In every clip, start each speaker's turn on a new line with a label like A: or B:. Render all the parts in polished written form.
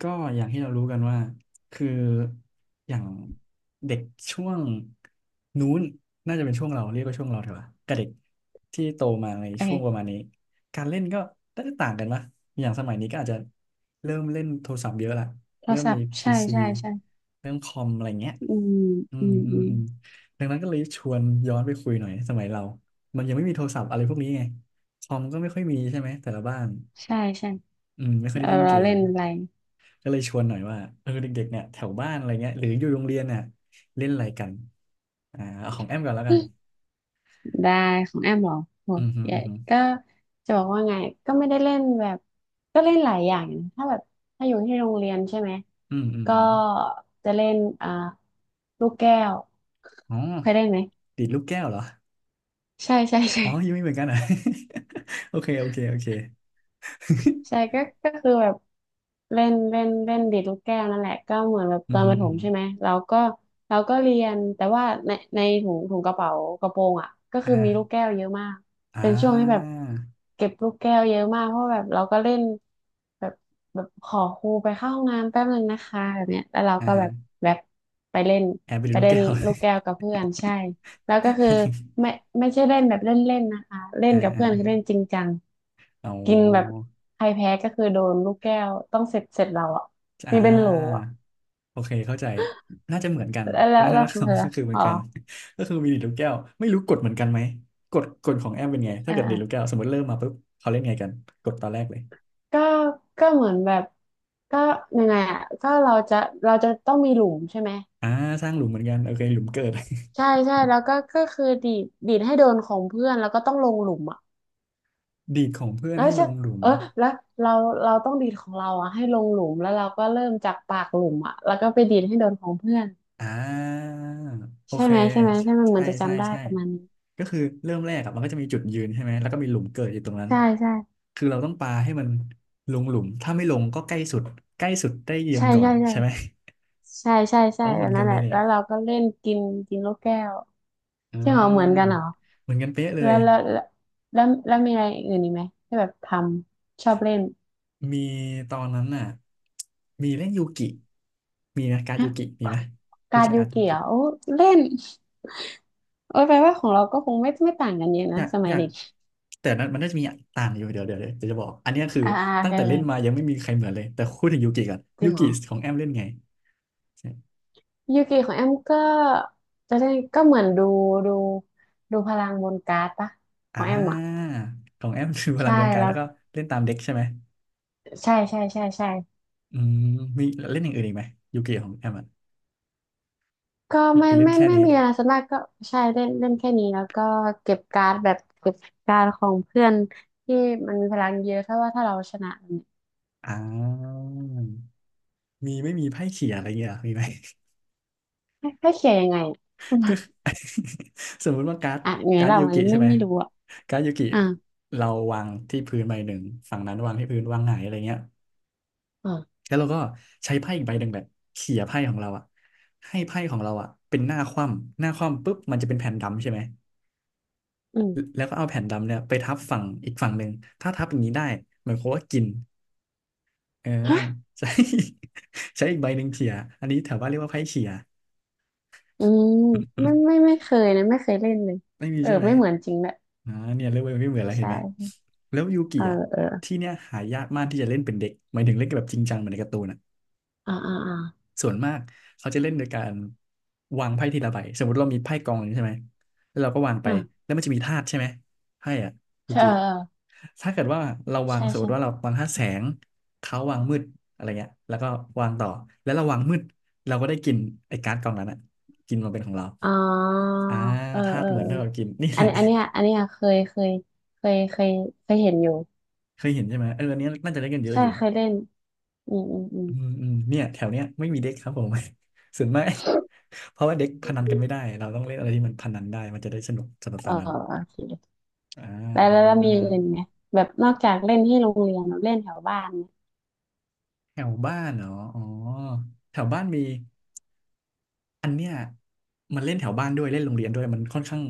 A: ก็อย่างที่เรารู้กันว่าคืออย่างเด็กช่วงนู้นน่าจะเป็นช่วงเราเรียกว่าช่วงเราเถอะวะกับเด็กที่โตมาใน
B: โอ
A: ช่วงประมา
B: เค
A: ณนี้การเล่นก็น่าจะต่างกันปะอย่างสมัยนี้ก็อาจจะเริ่มเล่นโทรศัพท์เยอะละ
B: โทร
A: เริ่ม
B: ศัพ
A: มี
B: ท์
A: พี
B: ใช่
A: ซี
B: ใช่ใช่
A: เริ่มคอมอะไรเงี้ย
B: อืม
A: อื
B: อื
A: ม
B: ม
A: อื
B: อื
A: ม
B: ม
A: อืมดังนั้นก็เลยชวนย้อนไปคุยหน่อยสมัยเรามันยังไม่มีโทรศัพท์อะไรพวกนี้ไงคอมก็ไม่ค่อยมีใช่ไหมแต่ละบ้าน
B: ใช่ใช่
A: อืมไม่ค่อยได้
B: เรา
A: เล่น
B: เรา
A: เก
B: เล่
A: ม
B: นอะไร
A: ก็เลยชวนหน่อยว่าเออเด็กๆเนี่ยแถวบ้านอะไรเงี้ยหรืออยู่โรงเรียนเนี่ยเล่นอะไรกันเอาของแอมก่อนแล้วกัน
B: ได้ของแอมเหรอโห
A: อืมฮึ
B: ใหญ่
A: อืมฮึ
B: ก็จะบอกว่าไง ก็ไม่ได้เล่นแบบ ก็เล่นหลายอย่างนะถ้าแบบถ้าอยู่ที่โรงเรียนใช่ไหม
A: อืมอืม
B: ก็
A: อืม
B: จะเล่นลูกแก้ว
A: อ๋อ
B: เคยเล่นไหม
A: ดีดลูกแก้วเหรอ
B: ใช่ใช่ใช่
A: อ๋อยังไม่เหมือนกันเหรอ่ะ โอเคโอเคโอเค
B: ใช่ ก็ก็คือแบบเล่นเล่นเล่นดีดลูกแก้วนั่นแหละก็เหมือนแบบ
A: อื
B: ต
A: ม
B: อน
A: ฮึ
B: ประถ
A: อืม
B: ม
A: ฮึ
B: ใช่ไหมเราก็เราก็เรียนแต่ว่าในถุงกระเป๋ากระโปรงอ่ะก็คือมีลูก
A: อ่า
B: แก้วเยอะมาก
A: อ่
B: เป็นช่วงที่แบ
A: า
B: บเก็บลูกแก้วเยอะมากเพราะแบบเราก็เล่นแบบแบบขอครูไปเข้าห้องน้ำแป๊บนึงนะคะแบบเนี้ยแล้วเรา
A: อ่า
B: ก็
A: ฮะ
B: แบบแบบไปเล่น
A: แอบไปดู
B: ไป
A: ลูก
B: เล่น
A: แก้ว
B: ลูกแก้ วกับเพื่อนใช่ แล้วก็คือไม่ไม่ใช่เล่นแบบเล่นๆนะคะเล่น
A: อ่า
B: กับ
A: อ่า
B: เพื่อนคือเล่นจริงจัง
A: อ๋
B: กินแบบ
A: อ
B: ใครแพ้ก็คือโดนลูกแก้วต้องเสร็จเราอ่ะ
A: อ่า
B: มีเป็นโหลอ่ะ
A: โอเคเข้าใจน่าจะเหมือนกัน
B: แล้วแล้ว
A: วัฒ
B: แล้
A: น
B: ว
A: ธ
B: ขอ
A: ร
B: ง
A: รม
B: เธอ
A: ก็คือเหมื
B: อ๋
A: อน
B: อ
A: กัน ก็คือมีดีดลูกแก้วไม่รู้กฎเหมือนกันไหมกฎของแอมเป็นไงถ้าเกิดดีดลูก
B: อ่า
A: แก้วสมมติเริ่มมาปุ๊บเขาเล่นไงกันกดตอนแรกเลย
B: ก็ก็เหมือนแบบก็ยังไงอ่ะก็เราจะต้องมีหลุมใช่ไหม
A: อ่าสร้างหลุมเหมือนกันโอเคหลุมเกิด
B: ใช่ใช่แล้วก็ก็คือดีดให้โดนของเพื่อนแล้วก็ต้องลงหลุมอ่ะ
A: ดีดของเพื่อน
B: แล้ว
A: ให้ล
B: จะ
A: งหลุม
B: เออแล้วเราเราต้องดีดของเราอ่ะให้ลงหลุมแล้วเราก็เริ่มจากปากหลุมอ่ะแล้วก็ไปดีดให้โดนของเพื่อน
A: อ่าโอ
B: ใช่
A: เค
B: ไหมใช่ไหมใช่มันเหมื
A: ใช่
B: อนจะ
A: ใช่
B: จำได้
A: ใช่
B: ประมาณนี้
A: ก็คือเริ่มแรกอะมันก็จะมีจุดยืนใช่ไหมแล้วก็มีหลุมเกิดอยู่ตรงนั้น
B: ใช่ใช่
A: คือเราต้องปาให้มันลงหลุมถ้าไม่ลงก็ใกล้สุดใกล้สุดได้ยืน
B: ใช่
A: ก่อ
B: ใช่
A: นใช่ไหม
B: ใช่ใช่ใช่ใช่
A: อ๋อเห
B: แบ
A: มือ
B: บ
A: นกั
B: นั้
A: น
B: นแห
A: เลย
B: ละ
A: เนี่ย
B: แล้วเราก็เล่นกินกินลูกแก้ว
A: อ่
B: ใช่เหรอเหมือนกัน
A: า
B: เหรอ
A: เหมือนกันเป๊ะเล
B: แล้
A: ย
B: วแล้วแล้วแล้วมีอะไรอื่นอีกไหมที่แบบทำชอบเล่น
A: มีตอนนั้นน่ะมีเล่นยูกิมีนะการดยู
B: ฮะ
A: กิมีไหมรู้
B: การ
A: จัก
B: ดยู
A: การดยู
B: กิเหร
A: กิ
B: อโอ้เล่นโอ้ยแปลว่าของเราก็คงไม่ต่างกันเยอะ
A: อ
B: นะ
A: ยาก
B: สมั
A: อ
B: ย
A: ยาก
B: เด็ก
A: แต่นั้นมันน่าจะมีต่างอยู่เดี๋ยวจะบอกอันเนี้ยคือ
B: อ่าโอ
A: ตั้
B: เค
A: งแต่
B: โอ
A: เล่นมา
B: เค
A: ยังไม่มีใครเหมือนเลยแต่พูดถึงยูกิก่อน
B: จริ
A: ยู
B: งเหร
A: กิ
B: อ
A: ของแอมเล่นไงใช่
B: ยูกิของแอมก็จะได้ก็เหมือนดูดูพลังบนการ์ดปะข
A: อ่
B: องแอมอ่ะ
A: าของแอมคือพลั
B: ใช่
A: งกลไก
B: แล้
A: แล้
B: ว
A: วก็เล่นตามเด็กใช่ไหม
B: ใช่ใช่ใช่ใช่
A: อืมมีเล่นอย่างอื่นอีกไหมยูกิของแอมอ่ะ
B: ก็
A: หรือ
B: ไม่
A: เล่น
B: ไม่
A: แค่
B: ไม่
A: นี้
B: ไมมีอะไรส่วนมากก็ใช่เล่นเล่นแค่นี้แล้วก็เก็บการ์ดแบบเก็บการ์ดของเพื่อนที่มันมีพลังเยอะถ้าว่าถ้าเราชนะเนี่ย
A: อ่ามีไม่มีไพ่เขี่ยอะไรเงี้ยเหรอมีไหม
B: ให้เขียนยังไง
A: ก็
B: อะ
A: สมมุติว่าการ์ด
B: อ่ะไง
A: การ์ด
B: เรา
A: ยู
B: ไม่
A: กิใช่
B: ไม่
A: ไหม
B: ไม่รู้อ่ะ
A: การ์ดยูกิ
B: อ่า
A: เราวางที่พื้นใบหนึ่งฝั่งนั้นวางที่พื้นวางหงายอะไรเงี้ย
B: อ่า
A: แล้วเราก็ใช้ไพ่อีกใบหนึ่งแบบเขี่ยไพ่ของเราอะให้ไพ่ของเราอะเป็นหน้าคว่ำหน้าคว่ำปุ๊บมันจะเป็นแผ่นดำใช่ไหม
B: อืม
A: แล้วก็เอาแผ่นดำเนี่ยไปทับฝั่งอีกฝั่งหนึ่งถ้าทับอย่างนี้ได้เหมือนโคว่ากินเออ
B: ฮะ
A: ใช้ ใช้อีกใบหนึ่งเขี่ยอันนี้แถวบ้านเรียกว่าไพ่เขี่ย
B: อืมไม่ไม่ ไม่เคยนะไม่เคยเล่นเลย
A: ไม่มี
B: เออ
A: ใช่ไหม
B: ไม่เหมือนจริงแหละ
A: อ่าเนี่ยเริ่มไม่เหมือนแล้วเห็นไหม
B: ใช่
A: แล้วยูกิ
B: เออ
A: อ่ะ
B: เออ
A: ที่เนี่ยหายากมากที่จะเล่นเป็นเด็กหมายถึงเล่นแบบจริงจังเหมือนในการ์ตูนอ่ะ
B: อ่าอ่าอ่า
A: ส่วนมากเขาจะเล่นโดยการวางไพ่ทีละใบสมมติเรามีไพ่กองหนึ่งใช่ไหมแล้วเราก็วางไป
B: อ่า
A: แล้วมันจะมีธาตุใช่ไหมไพ่อ่ะยู
B: ใช่เอ
A: กิ
B: อเออ
A: ถ้าเกิดว่าเราวาง
B: ใช่
A: สมม
B: ใช่
A: ติว่าเราวางธาตุแสงเขาวางมืดอะไรเงี้ยแล้วก็วางต่อแล้วเราวางมืดเราก็ได้กินไอ้การ์ดกองนั้นอ่ะกินมาเป็นของเรา
B: อ๋อ
A: อ่า
B: เออ
A: ธา
B: เออเอ
A: ตุ
B: อ
A: เหมือนเท่ากับกินนี่
B: อั
A: แห
B: น
A: ละ
B: อันเนี้ยอันเนี้ยเคยเคยเคยเห็นอยู่
A: เคยเห็นใช่ไหมเอออันนี้น่าจะเล่นกันเยอะ
B: ใช่
A: อยู่
B: เคยเล่นอืมอืมอืม
A: อืมอืมเนี่ยแถวเนี้ยไม่มีเด็กครับผม ส่วนมาก เพราะว่าเด็กพนันกันไม่ได้เราต้องเล่นอะไรที่มันพนันได้มันจะได้สนุก
B: เอ
A: ส
B: อ
A: นาน
B: โอเค
A: อ่า
B: แล้วมีอย่างอื่
A: อ่า
B: นไหมแบบนอกจากเล่นที่โรงเรียนเราเล่นแถวบ้านเนี่ย
A: แถวบ้านเหรออ๋อแถวบ้านมีอันเนี้ยมันเล่นแถวบ้านด้วยเล่นโรงเรียนด้วยมันค่อนข้าง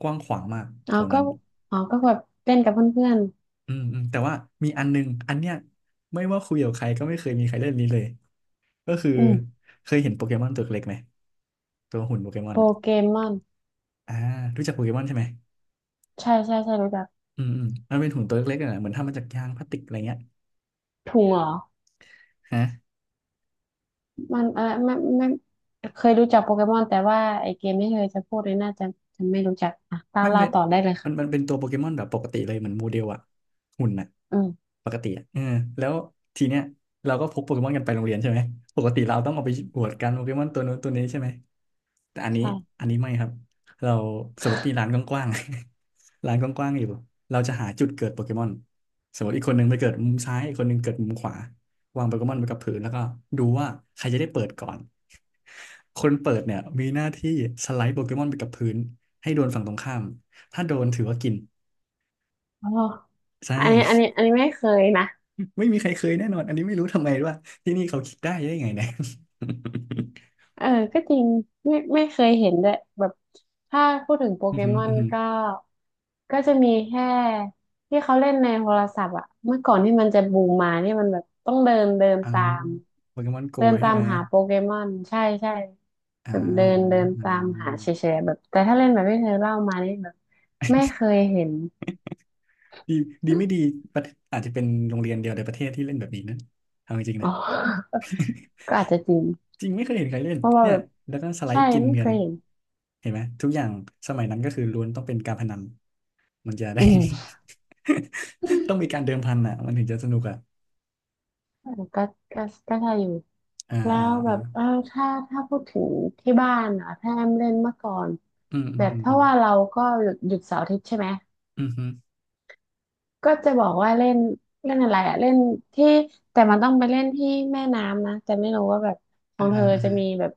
A: กว้างขวางมากแถ
B: อ๋อ
A: ว
B: ก็
A: นั้น
B: อ๋อก็แบบเล่นกับเพื่อน
A: อืมอืมแต่ว่ามีอันนึงอันเนี้ยไม่ว่าคุยกับใครก็ไม่เคยมีใครเล่นนี้เลยก็คือ
B: ๆอืม
A: เคยเห็นโปเกมอนตัวเล็กไหมตัวหุ่นโปเกมอน
B: โป
A: อ่ะ
B: เกมอน
A: อ่ารู้จักโปเกมอนใช่ไหม
B: ใช่ใช่ใช่รู้จัก
A: อืมอืมมันเป็นถุงตัวเล็กๆอะนะเหมือนทำมาจากยางพลาสติกอะไรเงี้ย
B: ถุงเหรอ
A: ฮะ
B: มันเออไม่เคยรู้จักโปเกมอนแต่ว่าไอเกมที่เคยจะพูดเลยน่าจะจะไม่รู้จักอ่ะเล่า
A: ไม่
B: เล่า
A: เป็น
B: ต่อได้เลย
A: มัน
B: ค่ะ
A: เป็นตัวโปเกมอนแบบปกติเลยเหมือนโมเดลอะหุ่นอะ
B: อืม
A: ปกติอะเออแล้วทีเนี้ยเราก็พกโปเกมอนกันไปโรงเรียนใช่ไหมปกติเราต้องเอาไปอวดกันโปเกมอนตัวนู้นตัวนี้ใช่ไหมแต่อันนี้
B: ใช่
A: อันนี้ไม่ครับเราสมมติมีร้านกว้างๆ ร้านกว้างๆอยู่เราจะหาจุดเกิดโปเกมอนสมมติอีกคนหนึ่งไปเกิดมุมซ้ายอีกคนหนึ่งเกิดมุมขวาวางโปเกมอนไปกับพื้นแล้วก็ดูว่าใครจะได้เปิดก่อนคนเปิดเนี่ยมีหน้าที่สไลด์โปเกมอนไปกับพื้น ให้โดนฝั่งตรงข้าม ถ้าโดนถือว่ากิน
B: อ๋อ
A: ใช
B: อันนี้อัน
A: ่
B: นี้อันนี้ไม่เคยนะ
A: ไม่มีใครเคยแน่นอน อันนี้ไม่รู้ทำไมว่าที่นี่เขาคิดได้ไงเนี่ย
B: เออก็จริงไม่เคยเห็นด้วยแบบถ้าพูดถึงโป
A: อื
B: เก
A: อหือ
B: มอน
A: อือหือ
B: ก็ก็จะมีแค่ที่เขาเล่นในโทรศัพท์อะเมื่อก่อนที่มันจะบูมมานี่มันแบบต้องเดินเดิน
A: อ่า
B: ตาม
A: โปเกมอนโก
B: เดิน
A: ใช่
B: ตาม
A: ไหม
B: หาโปเกมอนใช่ใช่
A: อ่า
B: แบบเดินเดิน
A: อ่าอ่
B: ตามหาเฉ
A: า
B: ยๆแบบแต่ถ้าเล่นแบบที่เธอเล่ามานี่แบบไม่เคยเห็น
A: ดีดีไม่ดีประเทศอาจจะเป็นโรงเรียนเดียวในประเทศที่เล่นแบบนี้นะเอาจริงๆ
B: อ๋
A: นะ
B: อ ก็อาจจะจริง
A: จริงไม่เคยเห็นใครเล่น
B: เพราะว่า
A: เนี่ย
B: แบบ
A: แล้วก็สไล
B: ใช่
A: ด์กิน
B: ไม่เค
A: เงิน
B: ยเห็น
A: เห็นไหม ทุกอย่าง สมัยนั้นก็คือล้วนต้องเป็นการพนันมันจะได้
B: อืม
A: ต้องมีการเดิมพันอ่ะมันถึงจะสนุกอ่ะ
B: อืมก็ก็ใช่อยู่
A: อ่า
B: แล้
A: อ่า
B: วแบ
A: อ่า
B: บเออถ้าพูดถึงที่บ้านอ่ะถ้าแอมเล่นเมื่อก่อน
A: อืมอื
B: แบ
A: ม
B: บ
A: อืม
B: ถ้า
A: อืม
B: ว่าเราก็หยุดเสาร์อาทิตย์ใช่ไหม
A: อืมฮึ
B: ก็จะบอกว่าเล่นเล่นอะไรอะเล่นที่แต่มันต้องไปเล่นที่แม่น้ำนะแต่ไม่รู้ว่าแบบขอ
A: อ่า
B: งเธ
A: ฮะ
B: อ
A: อ่า
B: จะ
A: ฮะ
B: มีแบบ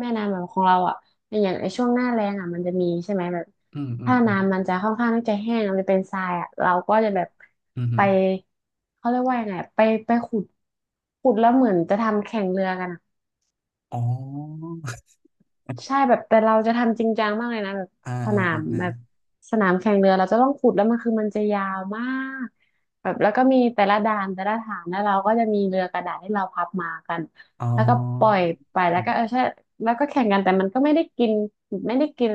B: แม่น้ำแบบของเราอ่ะอย่างไอช่วงหน้าแล้งอ่ะมันจะมีใช่ไหมแบบ
A: อืมอืม
B: ถ้า
A: อืม
B: น้ำมันจะค่อนข้างที่จะแห้งมันจะเป็นทรายอ่ะเราก็จะแบบ
A: อืมฮึ
B: ไปเขาเรียกว่ายังไงอะไปขุดแล้วเหมือนจะทำแข่งเรือกันอะ
A: อ๋อ
B: ใช่แบบแต่เราจะทำจริงจังมากเลยนะแบบ
A: อ่า
B: ส
A: อ่า
B: นาม
A: อ่า
B: แบบ
A: อา
B: สนามแข่งเรือเราจะต้องขุดแล้วมันคือมันจะยาวมากแบบแล้วก็มีแต่ละด่านแต่ละฐานแล้วเราก็จะมีเรือกระดาษที่เราพับมากัน
A: อ๋อ
B: แล้วก็ปล่อยไปแล้วก็เออใช่แล้วก็แข่งกันแต่มันก็ไม่ได้กินไม่ได้กิน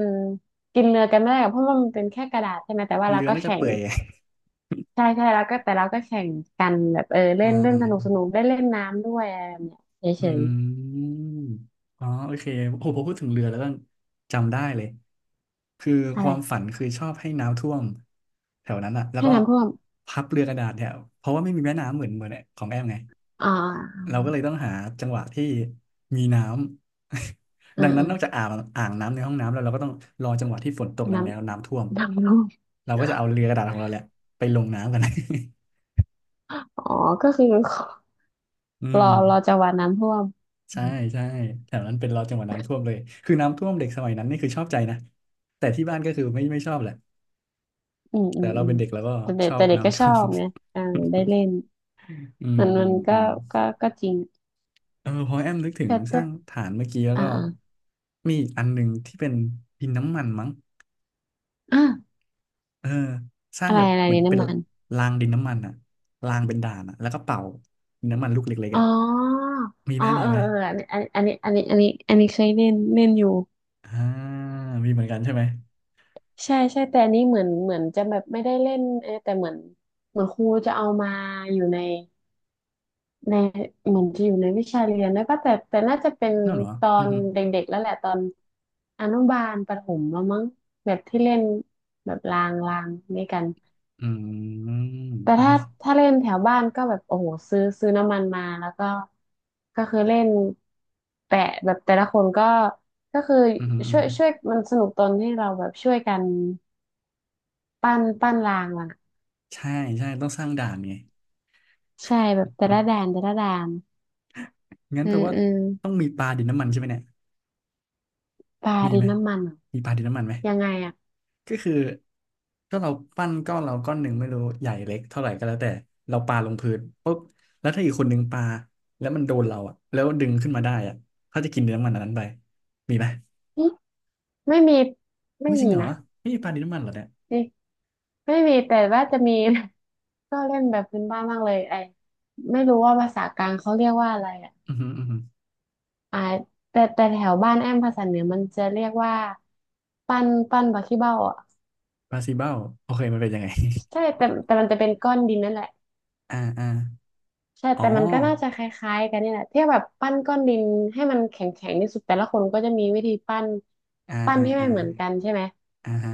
B: กินเรือกันไม่ได้หรอกเพราะว่ามันเป็นแค่กระดาษใช่ไหมแต่ว่าเรา
A: เรือ
B: ก็
A: น่าจะ
B: แข่ง
A: เปื่อย ไง
B: ใช่ใช่แล้วก็แต่เราก็แข่งกันแบบเออเล่
A: อ่า
B: นเล่น
A: อ่า
B: สนุกสนุก
A: อ่า
B: ได้เล่นน้ำด้วยอะไรแบบเนี้ยเฉ
A: อื
B: ย
A: มอ๋อโอเคโอ้โหพอพูดถึงเรือแล้วก็จำได้เลยคือ
B: ๆ
A: ค
B: อะไร
A: วามฝันคือชอบให้น้ำท่วมแถวนั้นอ่ะแล้ว
B: ให้
A: ก็
B: น้ำท่วม
A: พับเรือกระดาษแถวเพราะว่าไม่มีแม่น้ำเหมือนของแอมไง
B: อ่า
A: เราก็เลยต้องหาจังหวะที่มีน้ำ
B: เอ อ
A: ดัง
B: เอ
A: นั้น
B: อ
A: นอกจากอ่างอ่างน้ำในห้องน้ำแล้วเราก็ต้องรอจังหวะที่ฝนตกแรง
B: น้
A: แล้วน้ำท่วม
B: ำ น้ำท่วม
A: เราก็จะเอาเรือกระดาษของเราแหละไปลงน้ำกัน
B: อ๋อก็คือ
A: อื
B: รอ
A: ม
B: รอจังหวะน้ำท่วม
A: ใช่ใช่แถวนั้นเป็นรอจังหวะน้ำท่วมเลยคือน้ำท่วมเด็กสมัยนั้นนี่คือชอบใจนะแต่ที่บ้านก็คือไม่ชอบแหละ
B: อืมอื
A: แต่
B: ม
A: เรา
B: อืม
A: เป็นเด็กเราก็
B: แต่เด็
A: ช
B: ก
A: อ
B: แต่
A: บ
B: เด็กก็
A: น้ำ
B: ช
A: ท่
B: อ
A: ว
B: บ
A: ม
B: ไงอ่าได้เล่น
A: อืม
B: มัน
A: อื
B: มัน
A: มอื
B: ก็
A: ม
B: ก็ก็จริง
A: เออพอแอมนึกถึง
B: แต่
A: ส
B: แต่
A: ร้างฐานเมื่อกี้แล้ว
B: อ่า
A: ก็
B: อ่า
A: มีอีกอันหนึ่งที่เป็นดินน้ำมันมั้ง
B: อ่า
A: เออสร้าง
B: อะไร
A: แบบ
B: อะไร
A: เหมือ
B: เนี่
A: น
B: ย
A: เป็น
B: น้ำมัน
A: รางดินน้ำมันอะรางเป็นด่านอะแล้วก็เป่าดินน้ำมันลูกเล็กๆ
B: อ๋
A: อะ
B: อ
A: มีไห
B: อ๋
A: ม
B: อ
A: มี
B: เออ
A: ไหม
B: เอออันนี้อันนี้อันนี้อันนี้อันนี้อันนี้เคยเล่นเล่นอยู่
A: อ่ามีเหมือนกันใช่ไหม
B: ใช่ใช่แต่อันนี้เหมือนเหมือนจะแบบไม่ได้เล่นเออแต่เหมือนเหมือนครูจะเอามาอยู่ใน ในเหมือนจะอยู่ในวิชาเรียนด้วยป่ะก็แต่แต่น่าจะเป็น
A: นั่นเหรอ
B: ตอ
A: อือ
B: น
A: หือ
B: เด็กๆแล้วแหละตอนอนุบาลประถมแล้วมั้งแบบที่เล่นแบบรางรางด้วยกัน
A: อืม
B: แต่
A: ไอ
B: ถ้า
A: ้
B: ถ้าเล่นแถวบ้านก็แบบโอ้โหซื้อซื้อน้ำมันมาแล้วก็ก็คือเล่นแปะแบบแต่ละคนก็ก็คือ
A: อือหืออื
B: ช่
A: อ
B: วย
A: หือ
B: ช่วยมันสนุกตอนที่เราแบบช่วยกันปั้นปั้นรางอ่ะ
A: ใช่ใช่ต้องสร้างด่านไง
B: ใช่แบบแต่ละด่านแต่ละด่าน
A: งั้น
B: เออ
A: แปลว่า
B: เออ
A: ต้องมีปลาดินน้ำมันใช่ไหมเนี่ย
B: ปลา
A: มี
B: ดิ
A: ไห
B: น
A: ม
B: น้ำมันเหรอ
A: มีปลาดินน้ำมันไหม
B: ยังไงอ่ะ
A: ก็คือถ้าเราปั้นก้อนเราก้อนหนึ่งไม่รู้ใหญ่เล็กเท่าไหร่ก็แล้วแต่เราปาลงพื้นปุ๊บแล้วถ้าอีกคนหนึ่งปาแล้วมันโดนเราอ่ะแล้วดึงขึ้นมาได้อ่ะเขาจะกินเนื้อมันอันนั้นไปมีไหม
B: ไม่มี
A: อุ้
B: ไม่
A: ยจริ
B: มี
A: งเหรอ
B: นะ
A: ไม่มีปลาดินน้ำมันเหรอเนี่ย
B: นี่ไม่มีแต่ว่าจะมี ก็เล่นแบบพื้นบ้านบ้างเลยไอไม่รู้ว่าภาษากลางเขาเรียกว่าอะไรอ่ะ
A: อือหืออือหือ
B: อ่าแต่แต่แถวบ้านแอมภาษาเหนือมันจะเรียกว่าปั้นปั้นบักขี้เบ้าอ่ะ
A: ปลาซีเบ้าโอเคมันเป็นยังไง
B: ใช่แต่แต่มันจะเป็นก้อนดินนั่นแหละ
A: อ่าอ่า
B: ใช่
A: อ๋อ
B: แต่มันก็น่าจะคล้ายๆกันนี่แหละที่แบบปั้นก้อนดินให้มันแข็งๆที่สุดแต่ละคนก็จะมีวิธีปั้น
A: อ่า
B: ปั้น
A: อ่า
B: ให้ไม่
A: อ่า
B: เหมือนกันใช่ไหม
A: อ่าฮะ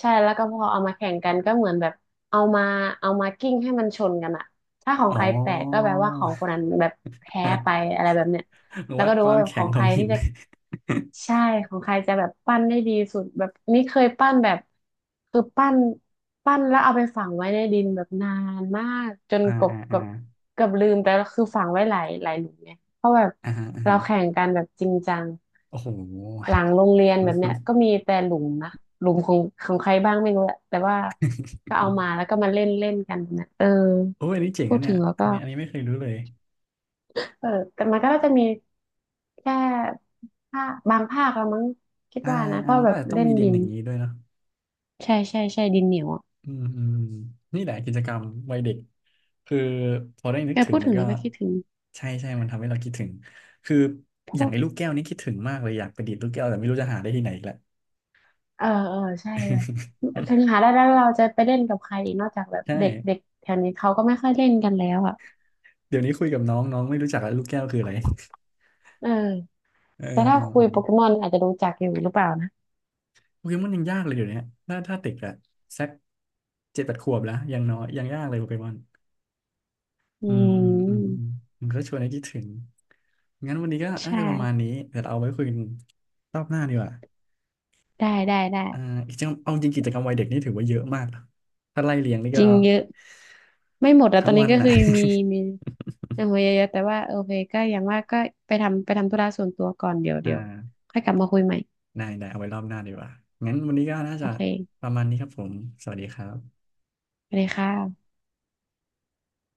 B: ใช่แล้วก็พอเอามาแข่งกันก็เหมือนแบบเอามาเอามากิ้งให้มันชนกันอะถ้าของ
A: อ๋อ
B: ใครแตกก็แปลว่าของคนนั้นแบบแพ้ไปอะไรแบบเนี้ย แล้ว
A: วัด
B: ก็ดู
A: ควา
B: ว่า
A: ม
B: แบบข
A: แข็
B: อ
A: ง
B: ง
A: ข
B: ใค
A: อง
B: ร
A: หิ
B: ที่
A: น
B: จะใช่ ของใครจะแบบปั้นได้ดีสุดแบบนี่เคยปั้นแบบคือปั้นปั้นแล้วเอาไปฝังไว้ในดินแบบนานมากจน
A: อ่า
B: กบ
A: อ่าอ่า
B: กับกับลืมไปแล้วคือฝังไว้หลายหลายหลุมไง เพราะแบบ
A: อ่าฮะอ่า
B: เรา
A: ฮะ
B: แข่งกันแบบจริงจัง
A: โอ้โห
B: หลังโรงเรียนแบบเนี้ยก็มีแต่หลุมนะหลุมของของใครบ้างไม่รู้แหละแต่ว่าก็เอามาแล้วก็มาเล่นเล่นกันแบบเนี้ยเออ
A: โอ้ยอันนี้เจ๋ง
B: พู
A: นะ
B: ด
A: เนี่
B: ถึ
A: ย
B: งแล้ว
A: อั
B: ก็
A: นนี้อันนี้ไม่เคยรู้เลย
B: เออแต่มันก็น่าจะมีแค่ภาคบางภาคละมั้งคิด
A: อ่า
B: ว่านะเพ
A: อ่า
B: ราะ
A: มัน
B: แบ
A: ก็
B: บ
A: อาจจะต้อง
B: เล่น
A: มีดิ
B: ดิ
A: นอ
B: น
A: ย่างนี้ด้วยเนาะ
B: ใช่ใช่ใช่ดินเหนียวอ่ะ
A: อืมอืมนี่แหละกิจกรรมวัยเด็กคือพอได้นึ
B: เอ
A: ก
B: อ
A: ถึง
B: พูด
A: มั
B: ถึ
A: น
B: ง
A: ก็
B: แล้วก็คิดถึง
A: ใช่ใช่มันทำให้เราคิดถึงคือ
B: พว
A: อย่าง
B: ก
A: ไอ้ลูกแก้วนี่คิดถึงมากเลยอยากไปดีดลูกแก้วแต่ไม่รู้จะหาได้ที่ไหนอีกแล้ว
B: เออเออใช่แบบถึง หาได้แล้วเราจะไปเล่นกับใครอีกนอกจากแบบ
A: ใช่
B: เด็กเด็กแถวนี้เขาก็ไม่ค่อยเล่นกันแล้วอ่ะ
A: เดี๋ยวนี้คุยกับน้องน้องไม่รู้จักแล้วลูกแก้วคืออะไร
B: เออ
A: เออ
B: แต่ถ้า
A: เออเอ
B: คุย
A: อ
B: โปเกมอนอาจจะรู้จักอยู่หรือเปล่านะ
A: โปเกมอนยังยากเลยเดี๋ยวนี้ถ้าเด็กอะสักเจ็ดแปดขวบแล้วยังน้อยยังยากเลยโปเกมอน
B: อื
A: อืมอืมอืมอื
B: ม
A: มมันก็ชวนให้คิดถึงงั้นวันนี้ก็น่า
B: ใช่
A: จะประมาณนี้เดี๋ยวเราเอาไว้คุยกันรอบหน้าดีกว่า
B: ได้ได้ได้
A: อ่าอีกจริงเอาจริงกิจกรรมวัยเด็กนี่ถือว่าเยอะมากนะถ้าไล่เรียงนี่
B: จ
A: ก็
B: ริงเยอะไม่หมดอะ
A: ทั้
B: ตอ
A: ง
B: นนี้
A: วัน
B: ก็
A: น่ะ
B: คือมีมีเอาไว้เยอะๆแต่ว่าโอเคก็อย่างว่าก็ไปทำไปทำธุระส่วนตัวก่อนเดี๋ยว
A: อ่า
B: เดี๋ยวค่อยกลับมาคุยใหม่
A: ได้ได้เอาไว้รอบหน้าดีกว่างั้นวันนี้ก็น่า
B: โอ
A: จะ
B: เค
A: ประมาณนี้ครับผมสวัสดีครับ
B: ไปเลยค่ะ